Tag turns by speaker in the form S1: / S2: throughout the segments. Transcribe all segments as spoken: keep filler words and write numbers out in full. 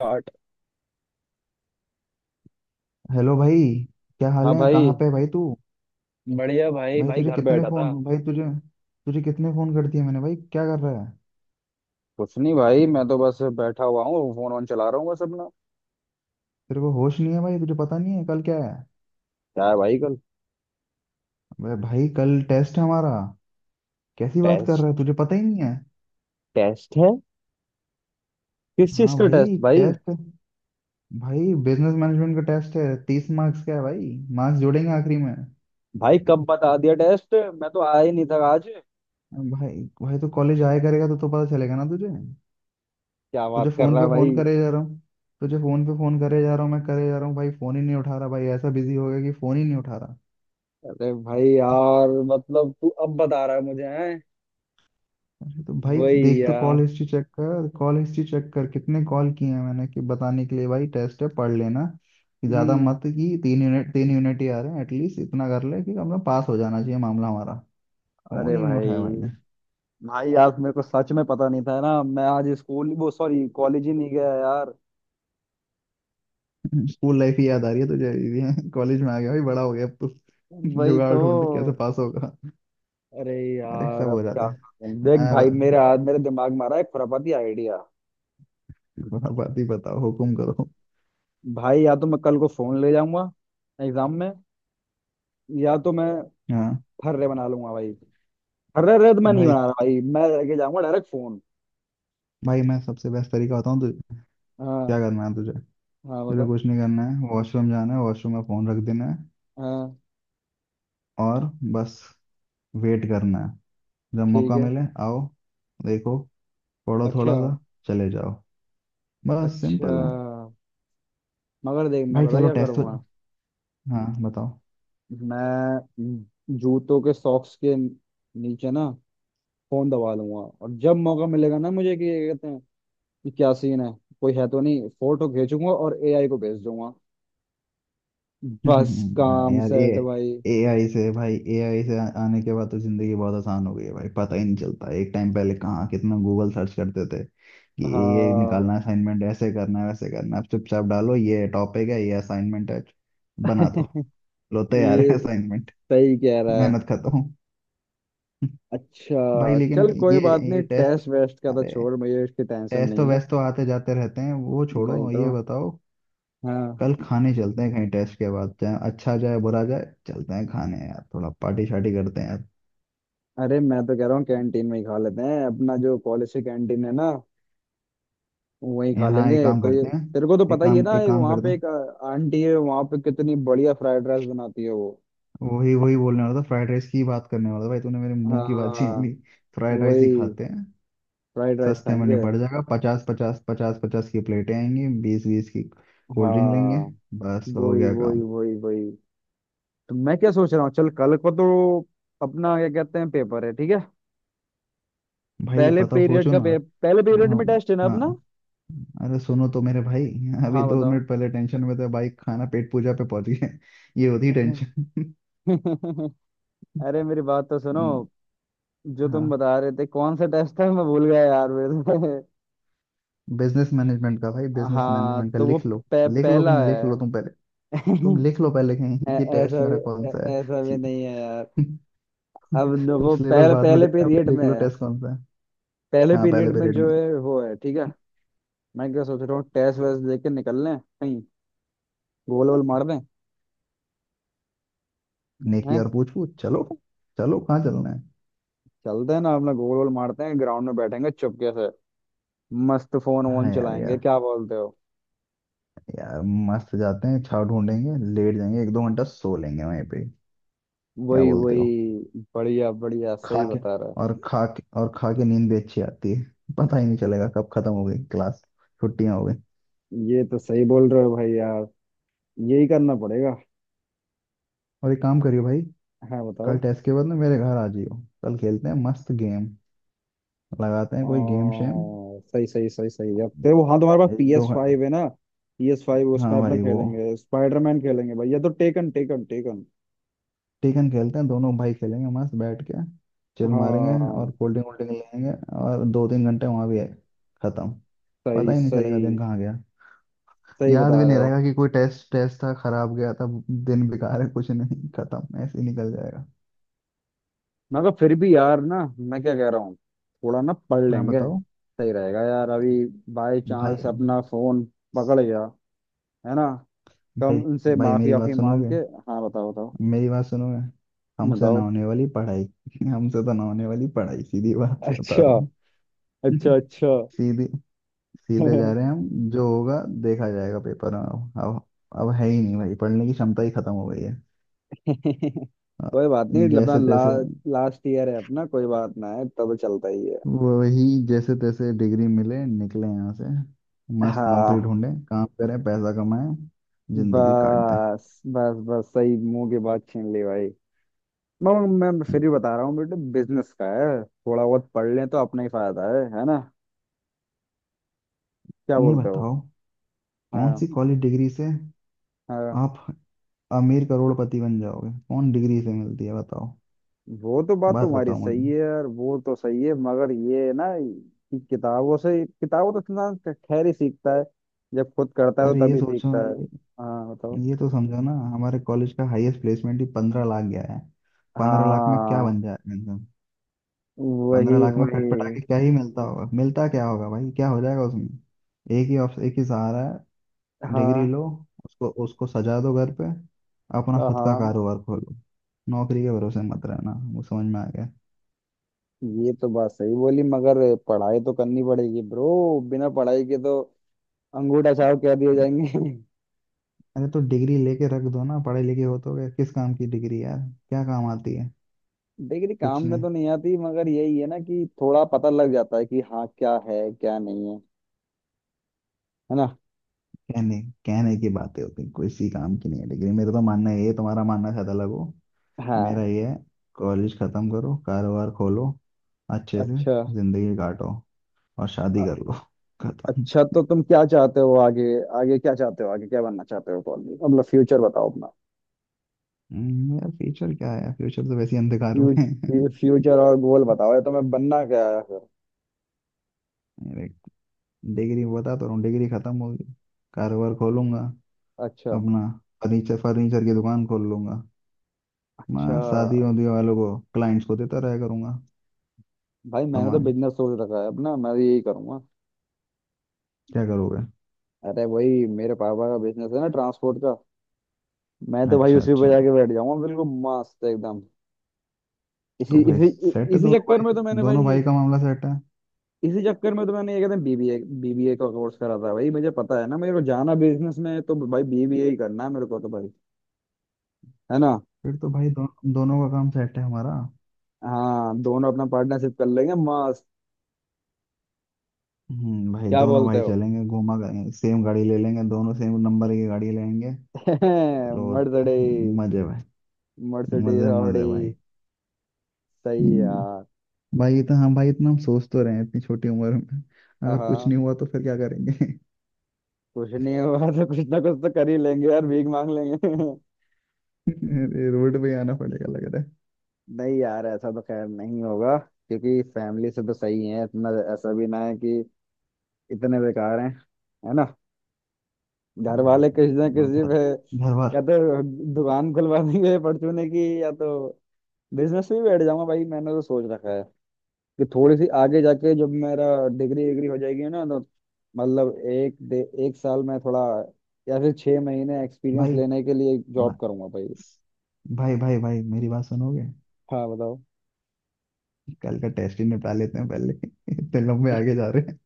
S1: आठ।
S2: हेलो भाई। क्या हाल
S1: हाँ
S2: है
S1: भाई,
S2: कहाँ पे है भाई तू।
S1: बढ़िया भाई।
S2: भाई
S1: भाई
S2: तुझे
S1: घर
S2: कितने
S1: बैठा था।
S2: फोन भाई तुझे तुझे कितने फोन कर दिए मैंने भाई क्या कर रहा है।
S1: कुछ नहीं भाई, मैं तो बस बैठा हुआ हूँ, फोन ऑन चला रहा हूँ बस अपना।
S2: तेरे को होश नहीं है भाई तुझे पता नहीं है कल क्या है।
S1: क्या है भाई कल?
S2: अबे भाई कल टेस्ट है हमारा। कैसी बात कर रहा है
S1: टेस्ट?
S2: तुझे पता ही नहीं है।
S1: टेस्ट है? किस चीज
S2: हाँ
S1: का टेस्ट
S2: भाई
S1: भाई?
S2: टेस्ट। भाई बिजनेस मैनेजमेंट का टेस्ट है तीस मार्क्स का है भाई। मार्क्स जोड़ेंगे आखिरी में।
S1: भाई कब बता दिया टेस्ट, मैं तो आया ही नहीं था आज।
S2: भाई भाई तो कॉलेज आया करेगा तो तो पता चलेगा ना तुझे।
S1: क्या
S2: तुझे
S1: बात कर
S2: फोन
S1: रहा है
S2: पे
S1: भाई।
S2: फोन करे जा रहा हूँ। तुझे फोन पे फोन करे जा रहा हूँ मैं करे जा रहा हूँ भाई फोन ही नहीं उठा रहा भाई ऐसा बिजी हो गया कि फोन ही नहीं उठा रहा।
S1: अरे भाई यार, मतलब तू अब बता रहा है मुझे? हैं?
S2: अरे तो भाई
S1: वही
S2: देख तो
S1: यार।
S2: कॉल हिस्ट्री चेक कर कॉल हिस्ट्री चेक कर कितने कॉल किए हैं मैंने कि बताने के लिए भाई टेस्ट है पढ़ लेना। कि ज्यादा
S1: हम्म।
S2: मत कि तीन यूनिट तीन यूनिट ही आ रहे हैं एटलीस्ट इतना कर ले कि अपना पास हो जाना चाहिए मामला हमारा। फोन
S1: अरे
S2: ही नहीं उठाया
S1: भाई,
S2: भाई ने।
S1: भाई यार मेरे को सच में पता नहीं था ना, मैं आज स्कूल, वो सॉरी कॉलेज ही नहीं गया यार।
S2: स्कूल लाइफ ही याद आ रही है तुझे ये कॉलेज में आ गया भाई बड़ा हो गया अब तो।
S1: वही
S2: जुगाड़
S1: तो।
S2: ढूंढ के कैसे पास होगा।
S1: अरे
S2: अरे
S1: यार
S2: सब
S1: अब
S2: हो
S1: क्या
S2: जाता
S1: करूं? देख
S2: है मैं
S1: भाई, मेरे आज मेरे दिमाग में आ रहा है एक खुरापाती आइडिया।
S2: बात बात ही बताओ हुकुम करो।
S1: भाई या तो मैं कल को फोन ले जाऊंगा एग्जाम में, या तो मैं
S2: हाँ
S1: फर्रे बना लूंगा भाई। फर्रे रे तो मैं नहीं
S2: भाई
S1: बना रहा भाई, मैं लेके जाऊंगा डायरेक्ट फोन।
S2: भाई मैं सबसे बेस्ट तरीका बताऊँ तुझे। क्या
S1: हाँ।
S2: करना है तुझे।
S1: हाँ
S2: तुझे
S1: बता।
S2: कुछ नहीं करना है वॉशरूम जाना है वॉशरूम में फोन रख देना है।
S1: हाँ
S2: और बस वेट करना है। जब
S1: ठीक
S2: मौका
S1: है।
S2: मिले आओ। देखो पढ़ो
S1: अच्छा।
S2: थोड़ा सा चले जाओ। बस
S1: अच्छा।
S2: सिंपल है।
S1: मगर देख, मैं
S2: भाई
S1: पता
S2: चलो
S1: क्या
S2: टेस्ट तो।
S1: करूंगा।
S2: हाँ बताओ।
S1: मैं जूतों के सॉक्स के नीचे ना फोन दबा लूंगा। और जब मौका मिलेगा ना मुझे, कि ये कहते हैं कि क्या सीन है, कोई है तो नहीं, फोटो भेजूंगा और एआई को भेज दूंगा। बस
S2: हाँ,
S1: काम
S2: यार ए
S1: सेट भाई।
S2: एआई से भाई एआई से आ- आने के बाद तो जिंदगी बहुत आसान हो गई है भाई पता ही नहीं चलता एक टाइम पहले कहाँ कितना गूगल सर्च करते थे कि ये ये निकालना है,
S1: हाँ।
S2: असाइनमेंट ऐसे करना है वैसे करना है अब चुपचाप डालो ये टॉपिक है ये असाइनमेंट है। बना दो लो तैयार
S1: ये
S2: है असाइनमेंट।
S1: सही कह रहा है।
S2: मेहनत करता हूँ। भाई
S1: अच्छा
S2: लेकिन
S1: चल,
S2: ये
S1: कोई बात नहीं,
S2: ये टेस्ट।
S1: टेस्ट वेस्ट का तो
S2: अरे
S1: छोड़, मुझे इसकी टेंशन
S2: टेस्ट तो
S1: नहीं है।
S2: वैसे तो आते जाते रहते हैं वो
S1: वही
S2: छोड़ो
S1: तो।
S2: ये बताओ।
S1: हाँ।
S2: कल खाने चलते हैं कहीं टेस्ट के बाद चाहे अच्छा जाए बुरा जाए चलते हैं खाने यार थोड़ा पार्टी शार्टी करते हैं यार।
S1: अरे मैं तो कह रहा हूँ कैंटीन में ही खा लेते हैं अपना, जो कॉलेज की कैंटीन है ना वहीं खा
S2: यहाँ एक
S1: लेंगे।
S2: काम
S1: तो ये,
S2: करते हैं।
S1: तेरे को तो
S2: एक
S1: पता ही है
S2: काम
S1: ना,
S2: एक
S1: एक
S2: काम
S1: वहाँ
S2: करते
S1: पे
S2: हैं।
S1: एक अ, आंटी है वहाँ पे, कितनी बढ़िया फ्राइड राइस बनाती है वो।
S2: वही वही बोलने वाला था फ्राइड राइस की बात करने वाला था भाई तूने मेरे मुंह की बात छीन ली।
S1: हाँ
S2: फ्राइड राइस ही
S1: वही।
S2: खाते हैं।
S1: फ्राइड राइस
S2: सस्ते में
S1: खाएंगे।
S2: निपट जाएगा पचास पचास पचास पचास की प्लेटें आएंगी बीस बीस की। कोल्ड ड्रिंक लेंगे
S1: हाँ
S2: बस हो
S1: वही
S2: गया
S1: वही
S2: काम।
S1: वही वही। तो मैं क्या सोच रहा हूँ, चल कल को तो अपना क्या कहते हैं पेपर है, ठीक है।
S2: भाई
S1: पहले
S2: पता
S1: पीरियड
S2: सोचो
S1: का
S2: ना।
S1: पे, पहले पीरियड
S2: हाँ
S1: में टेस्ट है ना अपना।
S2: हाँ अरे सुनो तो मेरे भाई। अभी
S1: हाँ
S2: दो
S1: बताओ।
S2: मिनट पहले टेंशन में था भाई खाना पेट पूजा पे पहुंच गया ये होती टेंशन
S1: अरे मेरी बात तो सुनो,
S2: हम्म,
S1: जो तुम
S2: हाँ
S1: बता रहे थे कौन सा टेस्ट था मैं भूल गया यार मेरे से।
S2: बिजनेस मैनेजमेंट का भाई बिजनेस
S1: हाँ
S2: मैनेजमेंट का
S1: तो वो
S2: लिख लो।
S1: पह,
S2: लिख लो
S1: पहला
S2: कहीं लिख लो
S1: है।
S2: तुम पहले। तुम लिख लो पहले कहीं।
S1: ऐ-
S2: ये टेस्ट
S1: ऐसा भी,
S2: मेरा कौन
S1: ऐ-
S2: सा है।
S1: ऐसा भी नहीं है यार। अब
S2: तुम
S1: देखो,
S2: सिलेबस
S1: पहले
S2: बाद में
S1: पहले
S2: देखना
S1: पीरियड
S2: पहले लिख
S1: में
S2: लो
S1: है,
S2: टेस्ट कौन सा है।
S1: पहले
S2: हाँ पहले
S1: पीरियड में
S2: पीरियड
S1: जो
S2: में।
S1: है वो है, ठीक है। मैं क्या सोच रहा हूँ, टेस्ट वेस्ट दे के निकल लें कहीं, गोल वोल मार दें।
S2: नेकी
S1: हैं?
S2: और पूछ पूछ चलो। चलो कहाँ चलना है।
S1: चलते हैं ना अपना, गोल वोल मारते हैं, ग्राउंड में बैठेंगे चुपके से, मस्त फोन वोन
S2: हाँ यार
S1: चलाएंगे,
S2: यार
S1: क्या बोलते हो?
S2: यार मस्त जाते हैं छाव ढूंढेंगे लेट जाएंगे एक दो घंटा सो लेंगे वहीं पे। क्या
S1: वही
S2: बोलते हो।
S1: वही, बढ़िया बढ़िया,
S2: खा
S1: सही
S2: के
S1: बता रहा
S2: और खा के और खा के नींद भी अच्छी आती है। पता ही नहीं चलेगा कब खत्म हो गई क्लास। छुट्टियां हो गई।
S1: है, ये तो सही बोल रहे हो भाई यार, यही करना पड़ेगा।
S2: और एक काम करियो भाई।
S1: हाँ
S2: कल
S1: बताओ।
S2: टेस्ट के बाद ना मेरे घर आ जियो। कल खेलते हैं मस्त गेम। लगाते
S1: आ,
S2: हैं कोई गेम शेम।
S1: सही सही सही सही। अब तेरे वो, हाँ तुम्हारे पास
S2: एक
S1: पी
S2: दो
S1: एस
S2: घं-
S1: फाइव है ना। पी एस फाइव उसमें
S2: हाँ
S1: अपना
S2: भाई वो
S1: खेलेंगे, स्पाइडरमैन खेलेंगे भैया, तो टेकन टेकन टेकन।
S2: टेकन खेलते हैं दोनों भाई खेलेंगे मस्त बैठ के। चिल मारेंगे। और
S1: हाँ
S2: कोल्ड ड्रिंक वोल्ड ड्रिंक लेंगे। और दो तीन घंटे वहां भी है खत्म। पता
S1: सही
S2: ही नहीं
S1: सही
S2: चलेगा दिन कहाँ गया।
S1: सही
S2: याद
S1: बता
S2: भी
S1: रहे
S2: नहीं
S1: हो।
S2: रहेगा कि कोई टेस्ट टेस्ट था खराब गया था। दिन बेकार है कुछ नहीं खत्म ऐसे ही निकल जाएगा।
S1: मैं कहा फिर भी यार ना, मैं क्या कह रहा हूँ, थोड़ा ना पढ़
S2: हाँ
S1: लेंगे,
S2: बताओ
S1: सही रहेगा यार अभी, बाय
S2: भाई
S1: चांस अपना फोन पकड़ गया है ना, कम
S2: भाई
S1: उनसे
S2: भाई
S1: माफी
S2: मेरी
S1: आफी
S2: बात
S1: मांग
S2: सुनोगे।
S1: के। हाँ बताओ बताओ
S2: मेरी बात सुनोगे। हमसे ना
S1: बताओ।
S2: होने वाली पढ़ाई। हमसे तो ना होने वाली पढ़ाई सीधी बात बता
S1: अच्छा
S2: रहा हूँ।
S1: अच्छा अच्छा।
S2: सीधे सीधे जा रहे हैं हम जो होगा देखा जाएगा पेपर में अब अब अब है ही नहीं भाई पढ़ने की क्षमता ही खत्म हो गई है। अ,
S1: कोई बात नहीं अपना,
S2: जैसे
S1: ला,
S2: तैसे।
S1: लास्ट ईयर है अपना, कोई बात ना है, तब चलता ही है।
S2: वही जैसे तैसे डिग्री मिले निकले यहाँ से। मस्त नौकरी
S1: हाँ
S2: ढूंढे काम करें पैसा कमाएं। जिंदगी काट दें।
S1: बस बस बस, सही मुंह की बात छीन ली भाई। मैं मैं फिर
S2: हम्म,
S1: भी बता रहा हूँ बेटे, बिजनेस का है, थोड़ा बहुत पढ़ लें तो अपना ही फायदा है है ना, क्या
S2: ये
S1: बोलते हो?
S2: बताओ। कौन
S1: हाँ।
S2: सी कॉलेज डिग्री से
S1: हाँ
S2: आप अमीर करोड़पति बन जाओगे कौन डिग्री से मिलती है बताओ।
S1: वो तो बात
S2: बात
S1: तुम्हारी
S2: बताओ
S1: सही
S2: मुझे।
S1: है यार, वो तो सही है, मगर ये है ना कि किताबों से, किताबों तो इंसान खैर ही सीखता है, जब खुद करता है तो
S2: अरे ये
S1: तभी
S2: सोचो।
S1: सीखता है।
S2: ये,
S1: हाँ बताओ।
S2: ये तो समझो ना हमारे कॉलेज का हाईएस्ट प्लेसमेंट ही पंद्रह लाख गया है। पंद्रह लाख में क्या बन
S1: हाँ
S2: जाएगा इंसान।
S1: वही
S2: पंद्रह लाख में
S1: वही।
S2: कटपटा के क्या ही मिलता होगा मिलता क्या होगा भाई क्या हो जाएगा उसमें। एक ही ऑप्शन एक ही सहारा है। डिग्री
S1: हाँ
S2: लो। उसको उसको सजा दो घर पे। अपना खुद का
S1: हाँ।
S2: कारोबार खोलो। नौकरी के भरोसे मत रहना वो समझ में आ गया।
S1: ये तो बात सही बोली, मगर पढ़ाई तो करनी पड़ेगी ब्रो, बिना पढ़ाई के तो अंगूठा छाप कह दिए जाएंगे।
S2: अरे तो डिग्री लेके रख दो ना पढ़े लिखे हो तो क्या किस काम की डिग्री यार। क्या काम आती है।
S1: डिग्री काम
S2: कुछ
S1: में
S2: नहीं।
S1: तो नहीं आती, मगर यही है ना कि थोड़ा पता लग जाता है कि हाँ क्या है क्या नहीं है, है ना।
S2: कहने कहने की बातें होती हैं, किसी काम की नहीं है डिग्री मेरा तो मानना ये है, तुम्हारा मानना शायद अलग हो। मेरा
S1: हाँ।
S2: ये है। कॉलेज खत्म करो कारोबार खोलो अच्छे से।
S1: अच्छा।
S2: जिंदगी काटो। और शादी
S1: अ-
S2: कर लो। खत्म।
S1: अच्छा, तो तुम क्या चाहते हो आगे? आगे क्या चाहते हो, आगे क्या बनना चाहते हो कॉलेज में? मतलब फ्यूचर बताओ अपना।
S2: हम्म, यार फ्यूचर क्या है फ्यूचर तो वैसे ही अंधकार में है।
S1: फ्यूचर फ्यूचर और गोल बताओ, या तुम्हें बनना क्या है फिर?
S2: मेरे डिग्री बता तो रहा हूँ डिग्री खत्म होगी। कारोबार खोलूंगा
S1: अच्छा
S2: अपना। फर्नीचर फर्नीचर की दुकान खोल लूंगा।
S1: अच्छा।
S2: मैं शादी वादी वालों को क्लाइंट्स को देता रहा करूंगा
S1: भाई मैंने तो
S2: सामान।
S1: बिजनेस सोच रखा है अपना, मैं तो यही करूंगा।
S2: क्या करोगे।
S1: अरे भाई मेरे पापा का बिजनेस है ना, ट्रांसपोर्ट का। मैं तो भाई
S2: अच्छा
S1: उसी पे
S2: अच्छा
S1: जाके बैठ जाऊंगा बिल्कुल मस्त एकदम।
S2: तो
S1: इसी
S2: भाई
S1: इसी इ-
S2: सेट है
S1: इसी
S2: दोनों
S1: चक्कर
S2: भाई।
S1: में तो मैंने
S2: दोनों
S1: भाई,
S2: भाई का मामला सेट है।
S1: इसी चक्कर में तो मैंने, ये कहते हैं बीबीए, बीबीए का कोर्स करा था भाई, मुझे पता है ना मेरे को जाना बिजनेस में है, तो भाई बीबीए ही करना है मेरे को तो भाई, है ना।
S2: फिर तो भाई दो, दोनों का काम सेट है हमारा।
S1: हाँ, दोनों अपना पार्टनरशिप कर लेंगे मस्त।
S2: हम्म भाई
S1: क्या
S2: दोनों
S1: बोलते
S2: भाई
S1: हो?
S2: चलेंगे घूमा करेंगे सेम गाड़ी ले लेंगे दोनों सेम नंबर की गाड़ी लेंगे। रोड पे
S1: मर्सिडीज,
S2: मजे भाई।
S1: मर्सिडीज
S2: मजे
S1: ऑडी।
S2: मजे भाई।
S1: सही
S2: हम्म।
S1: यार।
S2: भाई इतना हम भाई इतना हम सोच तो रहे हैं इतनी छोटी उम्र में। अगर कुछ
S1: हाँ
S2: नहीं हुआ तो फिर क्या करेंगे।
S1: कुछ नहीं होगा तो कुछ ना कुछ तो कर ही लेंगे यार, भीख मांग लेंगे।
S2: ये रोड पे ही आना पड़ेगा लग रहा
S1: नहीं यार ऐसा तो खैर नहीं होगा, क्योंकि फैमिली से तो सही है इतना, ऐसा भी ना है कि इतने बेकार हैं, है ना।
S2: है।
S1: घर
S2: ये
S1: वाले किसी ना
S2: बोल
S1: किसी
S2: घर
S1: पे,
S2: घर भर
S1: या तो दुकान खुलवा देंगे परचूने की, या तो बिजनेस भी बैठ जाऊंगा। भाई मैंने तो सोच रखा है कि थोड़ी सी आगे जाके जब मेरा डिग्री, डिग्री हो जाएगी ना, तो मतलब एक दे, एक साल में थोड़ा, या फिर छह महीने एक्सपीरियंस
S2: भाई
S1: लेने के लिए
S2: म-
S1: जॉब करूंगा भाई।
S2: भाई भाई भाई मेरी बात सुनोगे।
S1: हाँ बताओ।
S2: कल का टेस्ट ही निपटा लेते हैं पहले। इतने लंबे आगे जा रहे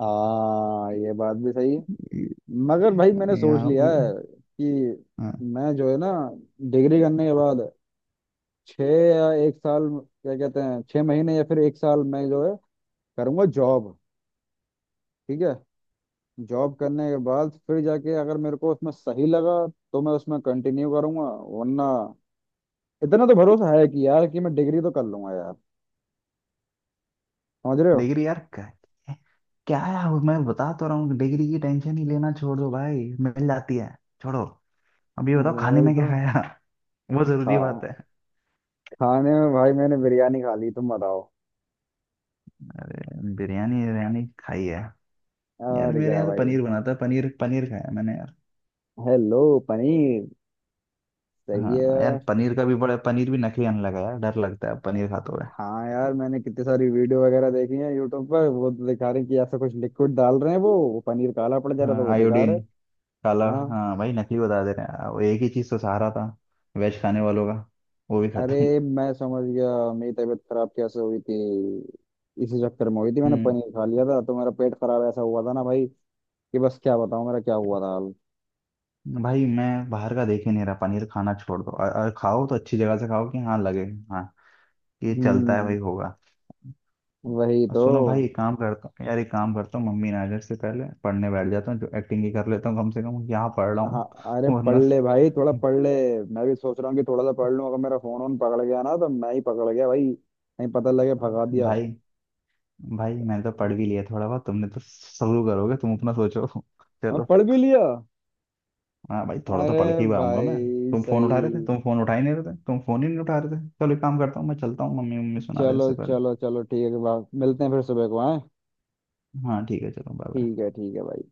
S1: हाँ ये बात भी सही है।
S2: हैं
S1: मगर भाई मैंने सोच
S2: यहाँ
S1: लिया
S2: पे।
S1: है कि
S2: हाँ
S1: मैं जो है ना, डिग्री करने के बाद छः या एक साल, क्या कहते हैं, छः महीने या फिर एक साल मैं जो है, करूँगा जॉब। ठीक है, जॉब करने के बाद फिर जाके अगर मेरे को उसमें सही लगा, तो मैं उसमें कंटिन्यू करूँगा, वरना इतना तो भरोसा है कि यार, कि मैं डिग्री तो कर लूंगा यार, समझ रहे हो।
S2: डिग्री यार क्या। क्या है वो मैं बता तो रहा हूँ डिग्री की टेंशन ही लेना छोड़ दो भाई मिल जाती है। छोड़ो। अब ये बताओ खाने
S1: वही
S2: में क्या
S1: तो।
S2: खाया। वो
S1: खा
S2: जरूरी बात है।
S1: खाने में भाई मैंने बिरयानी खा ली, तुम बताओ।
S2: बिरयानी बिरयानी खाई है। यार
S1: और
S2: मेरे
S1: क्या
S2: यहाँ तो
S1: भाई।
S2: पनीर बना था पनीर पनीर खाया मैंने यार।
S1: हेलो। पनीर? सही
S2: हाँ यार
S1: है।
S2: पनीर का भी बड़ा पनीर भी नकली आने लगा यार डर लगता है पनीर खाते हुए।
S1: हाँ यार मैंने कितनी सारी वीडियो वगैरह देखी है यूट्यूब पर, वो तो दिखा रहे हैं कि ऐसा कुछ लिक्विड डाल रहे हैं, वो वो पनीर काला पड़ जा रहा था,
S2: हाँ
S1: वो बेकार
S2: आयोडीन
S1: है।
S2: काला।
S1: हाँ।
S2: हाँ भाई नकली बता दे रहे हैं वो एक ही चीज़ तो सहारा था वेज खाने वालों का। वो भी
S1: अरे
S2: खत्म।
S1: मैं समझ गया मेरी तबीयत खराब कैसे हुई थी, इसी चक्कर में हुई थी, मैंने
S2: हम्म
S1: पनीर खा लिया था तो मेरा पेट खराब ऐसा हुआ था ना भाई, कि बस क्या बताऊं मेरा क्या हुआ था हाल।
S2: भाई मैं बाहर का देख ही नहीं रहा पनीर खाना छोड़ दो और, और खाओ तो अच्छी जगह से खाओ कि हाँ लगे। हाँ ये चलता है
S1: हम्म।
S2: भाई होगा।
S1: वही
S2: और
S1: तो।
S2: सुनो भाई एक काम करता हूँ यार एक काम करता हूँ मम्मी नाजर से पहले पढ़ने बैठ जाता हूँ जो एक्टिंग ही कर लेता हूँ कम से कम यहाँ पढ़ रहा
S1: हाँ।
S2: हूँ।
S1: अरे पढ़
S2: वरना।
S1: ले भाई थोड़ा पढ़ ले। मैं भी सोच रहा हूँ कि थोड़ा सा पढ़ लूं, अगर मेरा फोन ऑन पकड़ गया ना तो मैं ही पकड़ गया भाई, नहीं पता लगे भगा दिया।
S2: भाई भाई मैंने तो पढ़ भी लिया थोड़ा बहुत तुमने तो शुरू करोगे तुम अपना सोचो।
S1: अब
S2: चलो।
S1: पढ़ भी लिया।
S2: हाँ भाई थोड़ा तो
S1: अरे
S2: पढ़ के ही आऊंगा मैं।
S1: भाई
S2: तुम फोन उठा रहे थे
S1: सही।
S2: तुम फोन उठा ही नहीं रहे थे तुम फोन ही नहीं उठा रहे थे चलो एक काम करता हूँ मैं चलता हूँ मम्मी मम्मी सुना दे उससे
S1: चलो
S2: पहले।
S1: चलो चलो ठीक है भाई, मिलते हैं फिर सुबह को। हाँ
S2: हाँ ठीक है चलो बाय
S1: ठीक
S2: बाय।
S1: है ठीक है भाई।